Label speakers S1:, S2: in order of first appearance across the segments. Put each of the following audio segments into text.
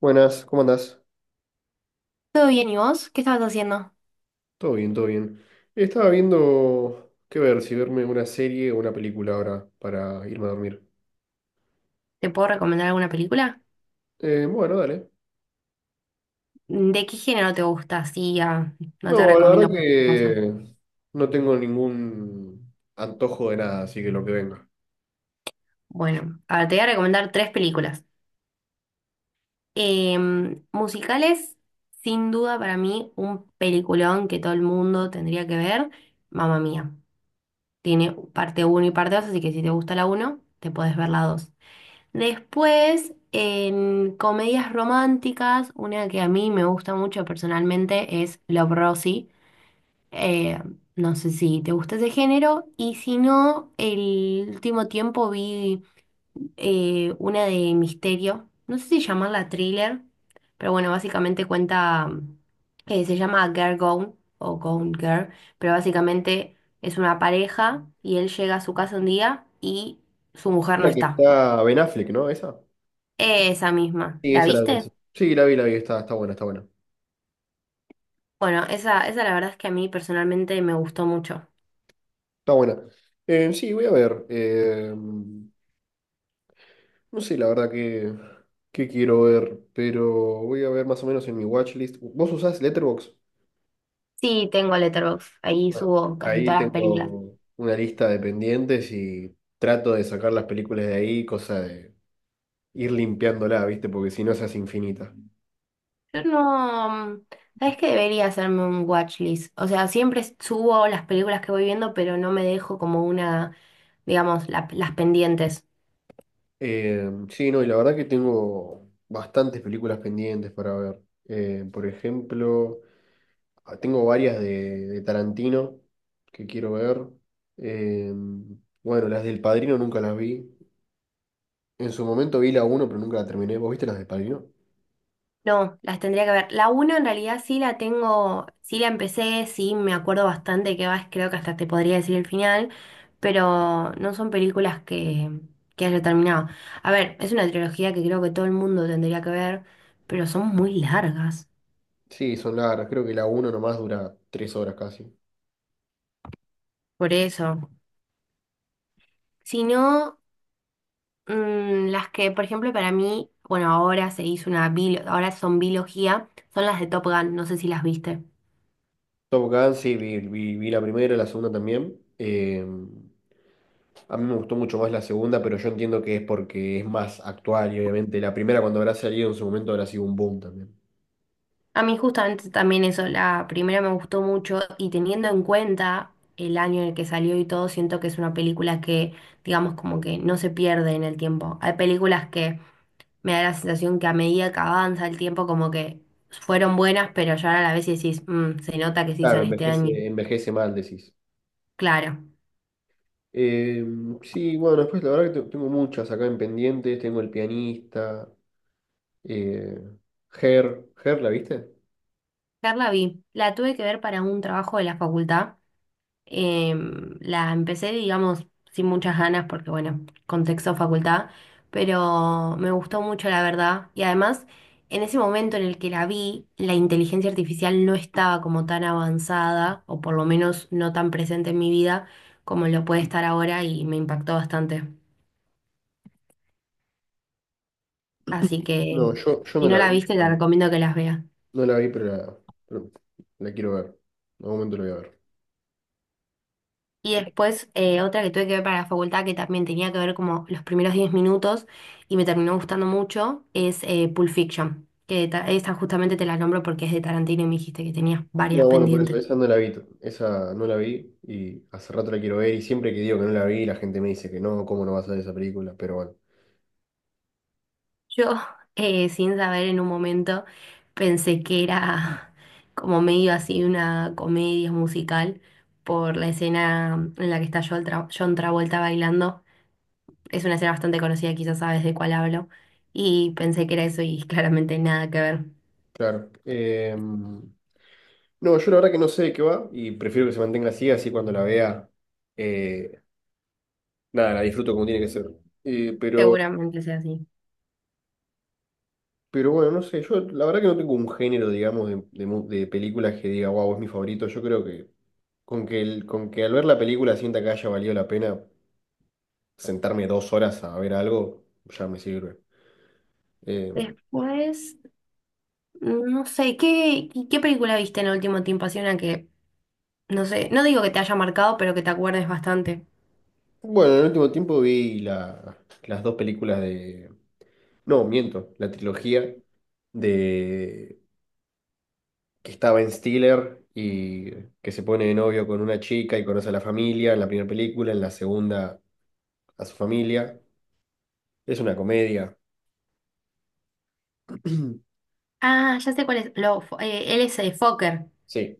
S1: Buenas, ¿cómo andás?
S2: ¿Todo bien y vos? ¿Qué estabas haciendo?
S1: Todo bien, todo bien. Estaba viendo qué ver, si verme una serie o una película ahora para irme a dormir.
S2: ¿Te puedo recomendar alguna película?
S1: Bueno, dale.
S2: ¿De qué género te gusta? Así ya no te
S1: No, la
S2: recomiendo
S1: verdad
S2: cualquier cosa.
S1: que no tengo ningún antojo de nada, así que lo que venga.
S2: Bueno, ahora te voy a recomendar tres películas. Musicales, sin duda para mí, un peliculón que todo el mundo tendría que ver, Mamma Mía. Tiene parte uno y parte 2, así que si te gusta la uno te podés ver la 2. Después, en comedias románticas, una que a mí me gusta mucho personalmente es Love, Rosie. Eh, no sé si te gusta ese género. Y si no, el último tiempo vi una de misterio. No sé si llamarla thriller, pero bueno, básicamente cuenta, se llama Girl Gone o Gone Girl, pero básicamente es una pareja y él llega a su casa un día y su mujer no
S1: La que
S2: está.
S1: está Ben Affleck, ¿no? ¿Esa?
S2: Esa misma.
S1: Sí,
S2: ¿La
S1: esa la vi.
S2: viste?
S1: Sí, la vi, está, está buena, está buena.
S2: Bueno, esa la verdad es que a mí personalmente me gustó mucho.
S1: Está buena. Sí, voy a ver. No sé, la verdad que quiero ver, pero voy a ver más o menos en mi watchlist. ¿Vos usás Letterboxd?
S2: Sí, tengo Letterboxd. Ahí
S1: Bueno,
S2: subo casi
S1: ahí
S2: todas las películas.
S1: tengo una lista de pendientes y trato de sacar las películas de ahí, cosa de ir limpiándola, ¿viste? Porque si no, se hace infinita.
S2: Yo no, sabes que debería hacerme un watchlist. O sea, siempre subo las películas que voy viendo, pero no me dejo como una, digamos, las pendientes.
S1: Sí, no, y la verdad que tengo bastantes películas pendientes para ver. Por ejemplo, ah, tengo varias de Tarantino que quiero ver. Eh, bueno, las del Padrino nunca las vi. En su momento vi la uno pero nunca la terminé. ¿Vos viste las del Padrino?
S2: No, las tendría que ver. La uno en realidad sí la tengo, sí la empecé, sí me acuerdo bastante que vas, creo que hasta te podría decir el final, pero no son películas que haya terminado. A ver, es una trilogía que creo que todo el mundo tendría que ver, pero son muy largas.
S1: Sí, son largas. Creo que la 1 nomás dura 3 horas casi.
S2: Por eso. Si no. Las que, por ejemplo, para mí, bueno, ahora se hizo ahora son biología, son las de Top Gun, no sé si las viste.
S1: Top Gun, sí, vi la primera, la segunda también. A mí me gustó mucho más la segunda, pero yo entiendo que es porque es más actual y obviamente la primera cuando habrá salido en su momento habrá sido un boom también.
S2: A mí justamente también eso, la primera me gustó mucho y teniendo en cuenta el año en el que salió y todo, siento que es una película que, digamos, como que no se pierde en el tiempo. Hay películas que me da la sensación que a medida que avanza el tiempo, como que fueron buenas, pero ya a la vez decís: "Mm, se nota que se hizo
S1: Claro,
S2: en este año".
S1: envejece, envejece mal, decís.
S2: Claro.
S1: Eh, sí, bueno, después la verdad que tengo muchas acá en pendientes. Tengo El Pianista, eh, Her. ¿Her la viste?
S2: Carla vi, la tuve que ver para un trabajo de la facultad. La empecé, digamos, sin muchas ganas porque, bueno, contexto facultad, pero me gustó mucho, la verdad. Y además, en ese momento en el que la vi, la inteligencia artificial no estaba como tan avanzada, o por lo menos no tan presente en mi vida como lo puede estar ahora y me impactó bastante. Así que,
S1: No, yo no
S2: si no
S1: la
S2: la
S1: vi,
S2: viste, te
S1: pero,
S2: recomiendo que las veas.
S1: no la vi, pero la quiero ver. En algún momento la voy a ver.
S2: Y después otra que tuve que ver para la facultad que también tenía que ver como los primeros 10 minutos y me terminó gustando mucho es Pulp Fiction, esa justamente te la nombro porque es de Tarantino y me dijiste que tenías varias
S1: No, bueno, por eso,
S2: pendientes.
S1: esa no la vi, esa no la vi y hace rato la quiero ver y siempre que digo que no la vi la gente me dice que no, ¿cómo no vas a ver esa película? Pero bueno,
S2: Yo, sin saber en un momento, pensé que era como medio así una comedia musical por la escena en la que está John Travolta bailando. Es una escena bastante conocida, quizás sabes de cuál hablo. Y pensé que era eso y claramente nada que ver.
S1: claro. No, yo la verdad que no sé de qué va y prefiero que se mantenga así, así cuando la vea, eh, nada, la disfruto como tiene que ser. Eh, pero,
S2: Seguramente sea así.
S1: pero bueno, no sé, yo la verdad que no tengo un género, digamos, de películas que diga, wow, es mi favorito, yo creo que... Con con que al ver la película sienta que haya valido la pena sentarme dos horas a ver algo, ya me sirve. Eh,
S2: Después, no sé, ¿qué película viste en el último tiempo? Así una que, no sé, no digo que te haya marcado, pero que te acuerdes bastante.
S1: bueno, en el último tiempo las dos películas de... No, miento, la trilogía de que estaba en Stiller y que se pone de novio con una chica y conoce a la familia en la primera película, en la segunda a su familia. Es una comedia.
S2: Ah, ya sé cuál es. Él es el Fokker.
S1: Sí.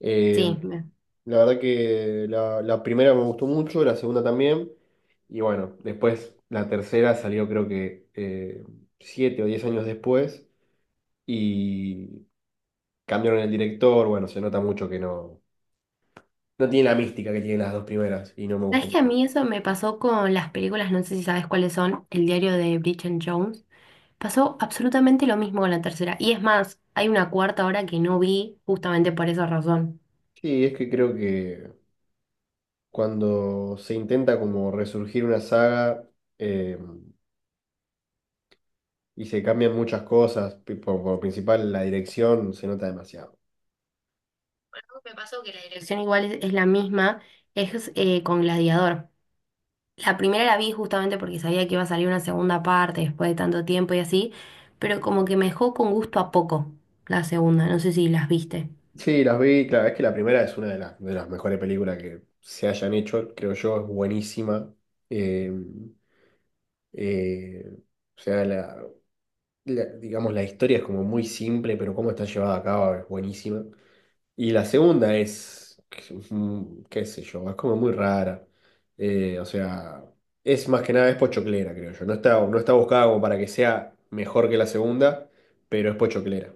S1: Eh,
S2: Sí.
S1: la verdad que la primera me gustó mucho, la segunda también. Y bueno, después la tercera salió creo que siete o diez años después. Y cambiaron el director, bueno, se nota mucho que no, no tiene la mística que tienen las dos primeras y no me gustó
S2: ¿Sabes que a
S1: mucho.
S2: mí eso me pasó con las películas? No sé si sabes cuáles son. El diario de Bridget Jones. Pasó absolutamente lo mismo con la tercera. Y es más, hay una cuarta ahora que no vi justamente por esa razón.
S1: Sí, es que creo que cuando se intenta como resurgir una saga eh, y se cambian muchas cosas, por principal la dirección se nota demasiado.
S2: Me pasó que la dirección igual es la misma, es con Gladiador. La primera la vi justamente porque sabía que iba a salir una segunda parte después de tanto tiempo y así, pero como que me dejó con gusto a poco la segunda, no sé si las viste.
S1: Sí, las vi, claro, es que la primera es una de de las mejores películas que se hayan hecho, creo yo, es buenísima. Eh, eh, o sea, digamos, la historia es como muy simple, pero cómo está llevada a cabo es buenísima. Y la segunda es, mm, qué sé yo, es como muy rara. O sea, es más que nada, es pochoclera, creo yo. No está, no está buscada como para que sea mejor que la segunda, pero es pochoclera.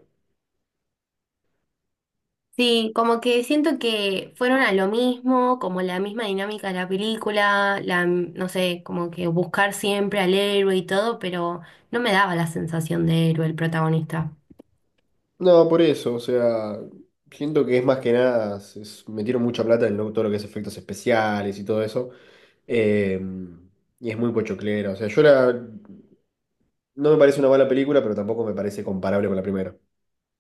S2: Sí, como que siento que fueron a lo mismo, como la misma dinámica de la película, la, no sé, como que buscar siempre al héroe y todo, pero no me daba la sensación de héroe el protagonista.
S1: No, por eso, o sea, siento que es más que nada, se metieron mucha plata en todo lo que es efectos especiales y todo eso. Eh, y es muy pochoclera, o sea, no me parece una mala película, pero tampoco me parece comparable con la primera.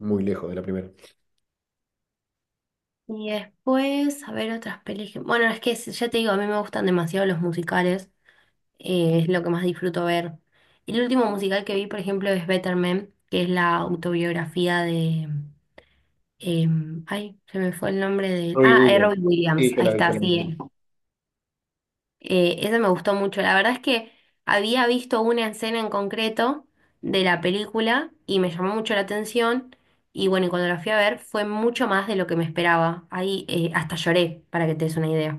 S1: Muy lejos de la primera.
S2: Y después, a ver otras películas. Bueno, es que ya te digo, a mí me gustan demasiado los musicales. Es lo que más disfruto ver. El último musical que vi, por ejemplo, es Better Man, que es la autobiografía de... ay, se me fue el nombre de...
S1: Robbie
S2: Ah,
S1: Williams.
S2: Robbie Williams,
S1: Sí, yo
S2: ahí
S1: la vi, yo
S2: está,
S1: la
S2: sí.
S1: vi.
S2: Ese me gustó mucho. La verdad es que había visto una escena en concreto de la película y me llamó mucho la atención. Y bueno, y cuando la fui a ver fue mucho más de lo que me esperaba. Ahí hasta lloré, para que te des una idea.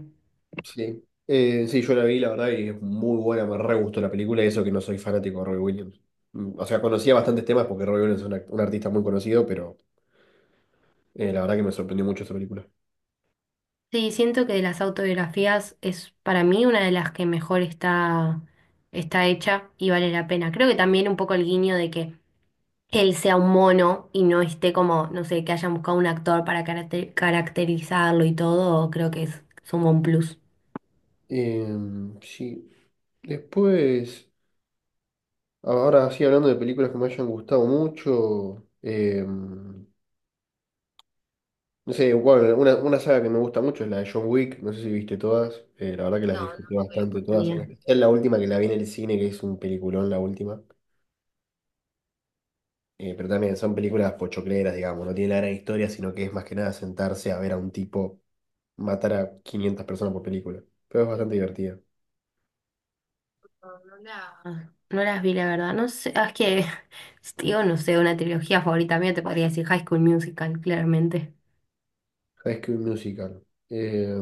S1: Sí. Sí, yo la vi, la verdad, y es muy buena, me re gustó la película, y eso que no soy fanático de Robbie Williams. Mm, o sea, conocía bastantes temas porque Robbie Williams es un, un artista muy conocido, pero la verdad que me sorprendió mucho esa película.
S2: Sí, siento que de las autobiografías es para mí una de las que mejor está hecha y vale la pena. Creo que también un poco el guiño de que él sea un mono y no esté como, no sé, que hayan buscado un actor para caracterizarlo y todo, creo que es, suma un plus.
S1: Em, sí. Después, ahora sí, hablando de películas que me hayan gustado mucho, no sé bueno, una saga que me gusta mucho es la de John Wick, no sé si viste todas, la verdad que las disfruté bastante todas, en especial la última que la vi en el cine, que es un peliculón la última, pero también son películas pochocleras, digamos, no tiene la gran historia, sino que es más que nada sentarse a ver a un tipo matar a 500 personas por película, pero es bastante divertida.
S2: No las vi, la verdad. No sé, es que, digo, no sé, una trilogía favorita mía te podría decir High School Musical, claramente.
S1: High School Musical. Eh,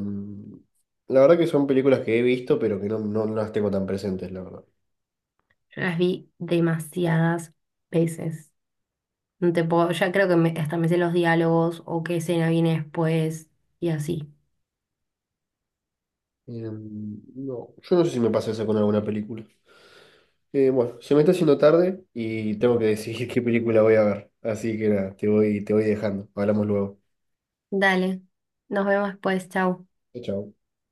S1: la verdad que son películas que he visto, pero que no, no, no las tengo tan presentes, la verdad.
S2: No las vi demasiadas veces. No te puedo, ya creo que hasta me sé los diálogos o qué escena viene después y así.
S1: No, yo no sé si me pasa eso con alguna película. Bueno, se me está haciendo tarde y tengo que decidir qué película voy a ver. Así que nada, te voy dejando. Hablamos luego.
S2: Dale, nos vemos después, chau.
S1: Chao. Chao.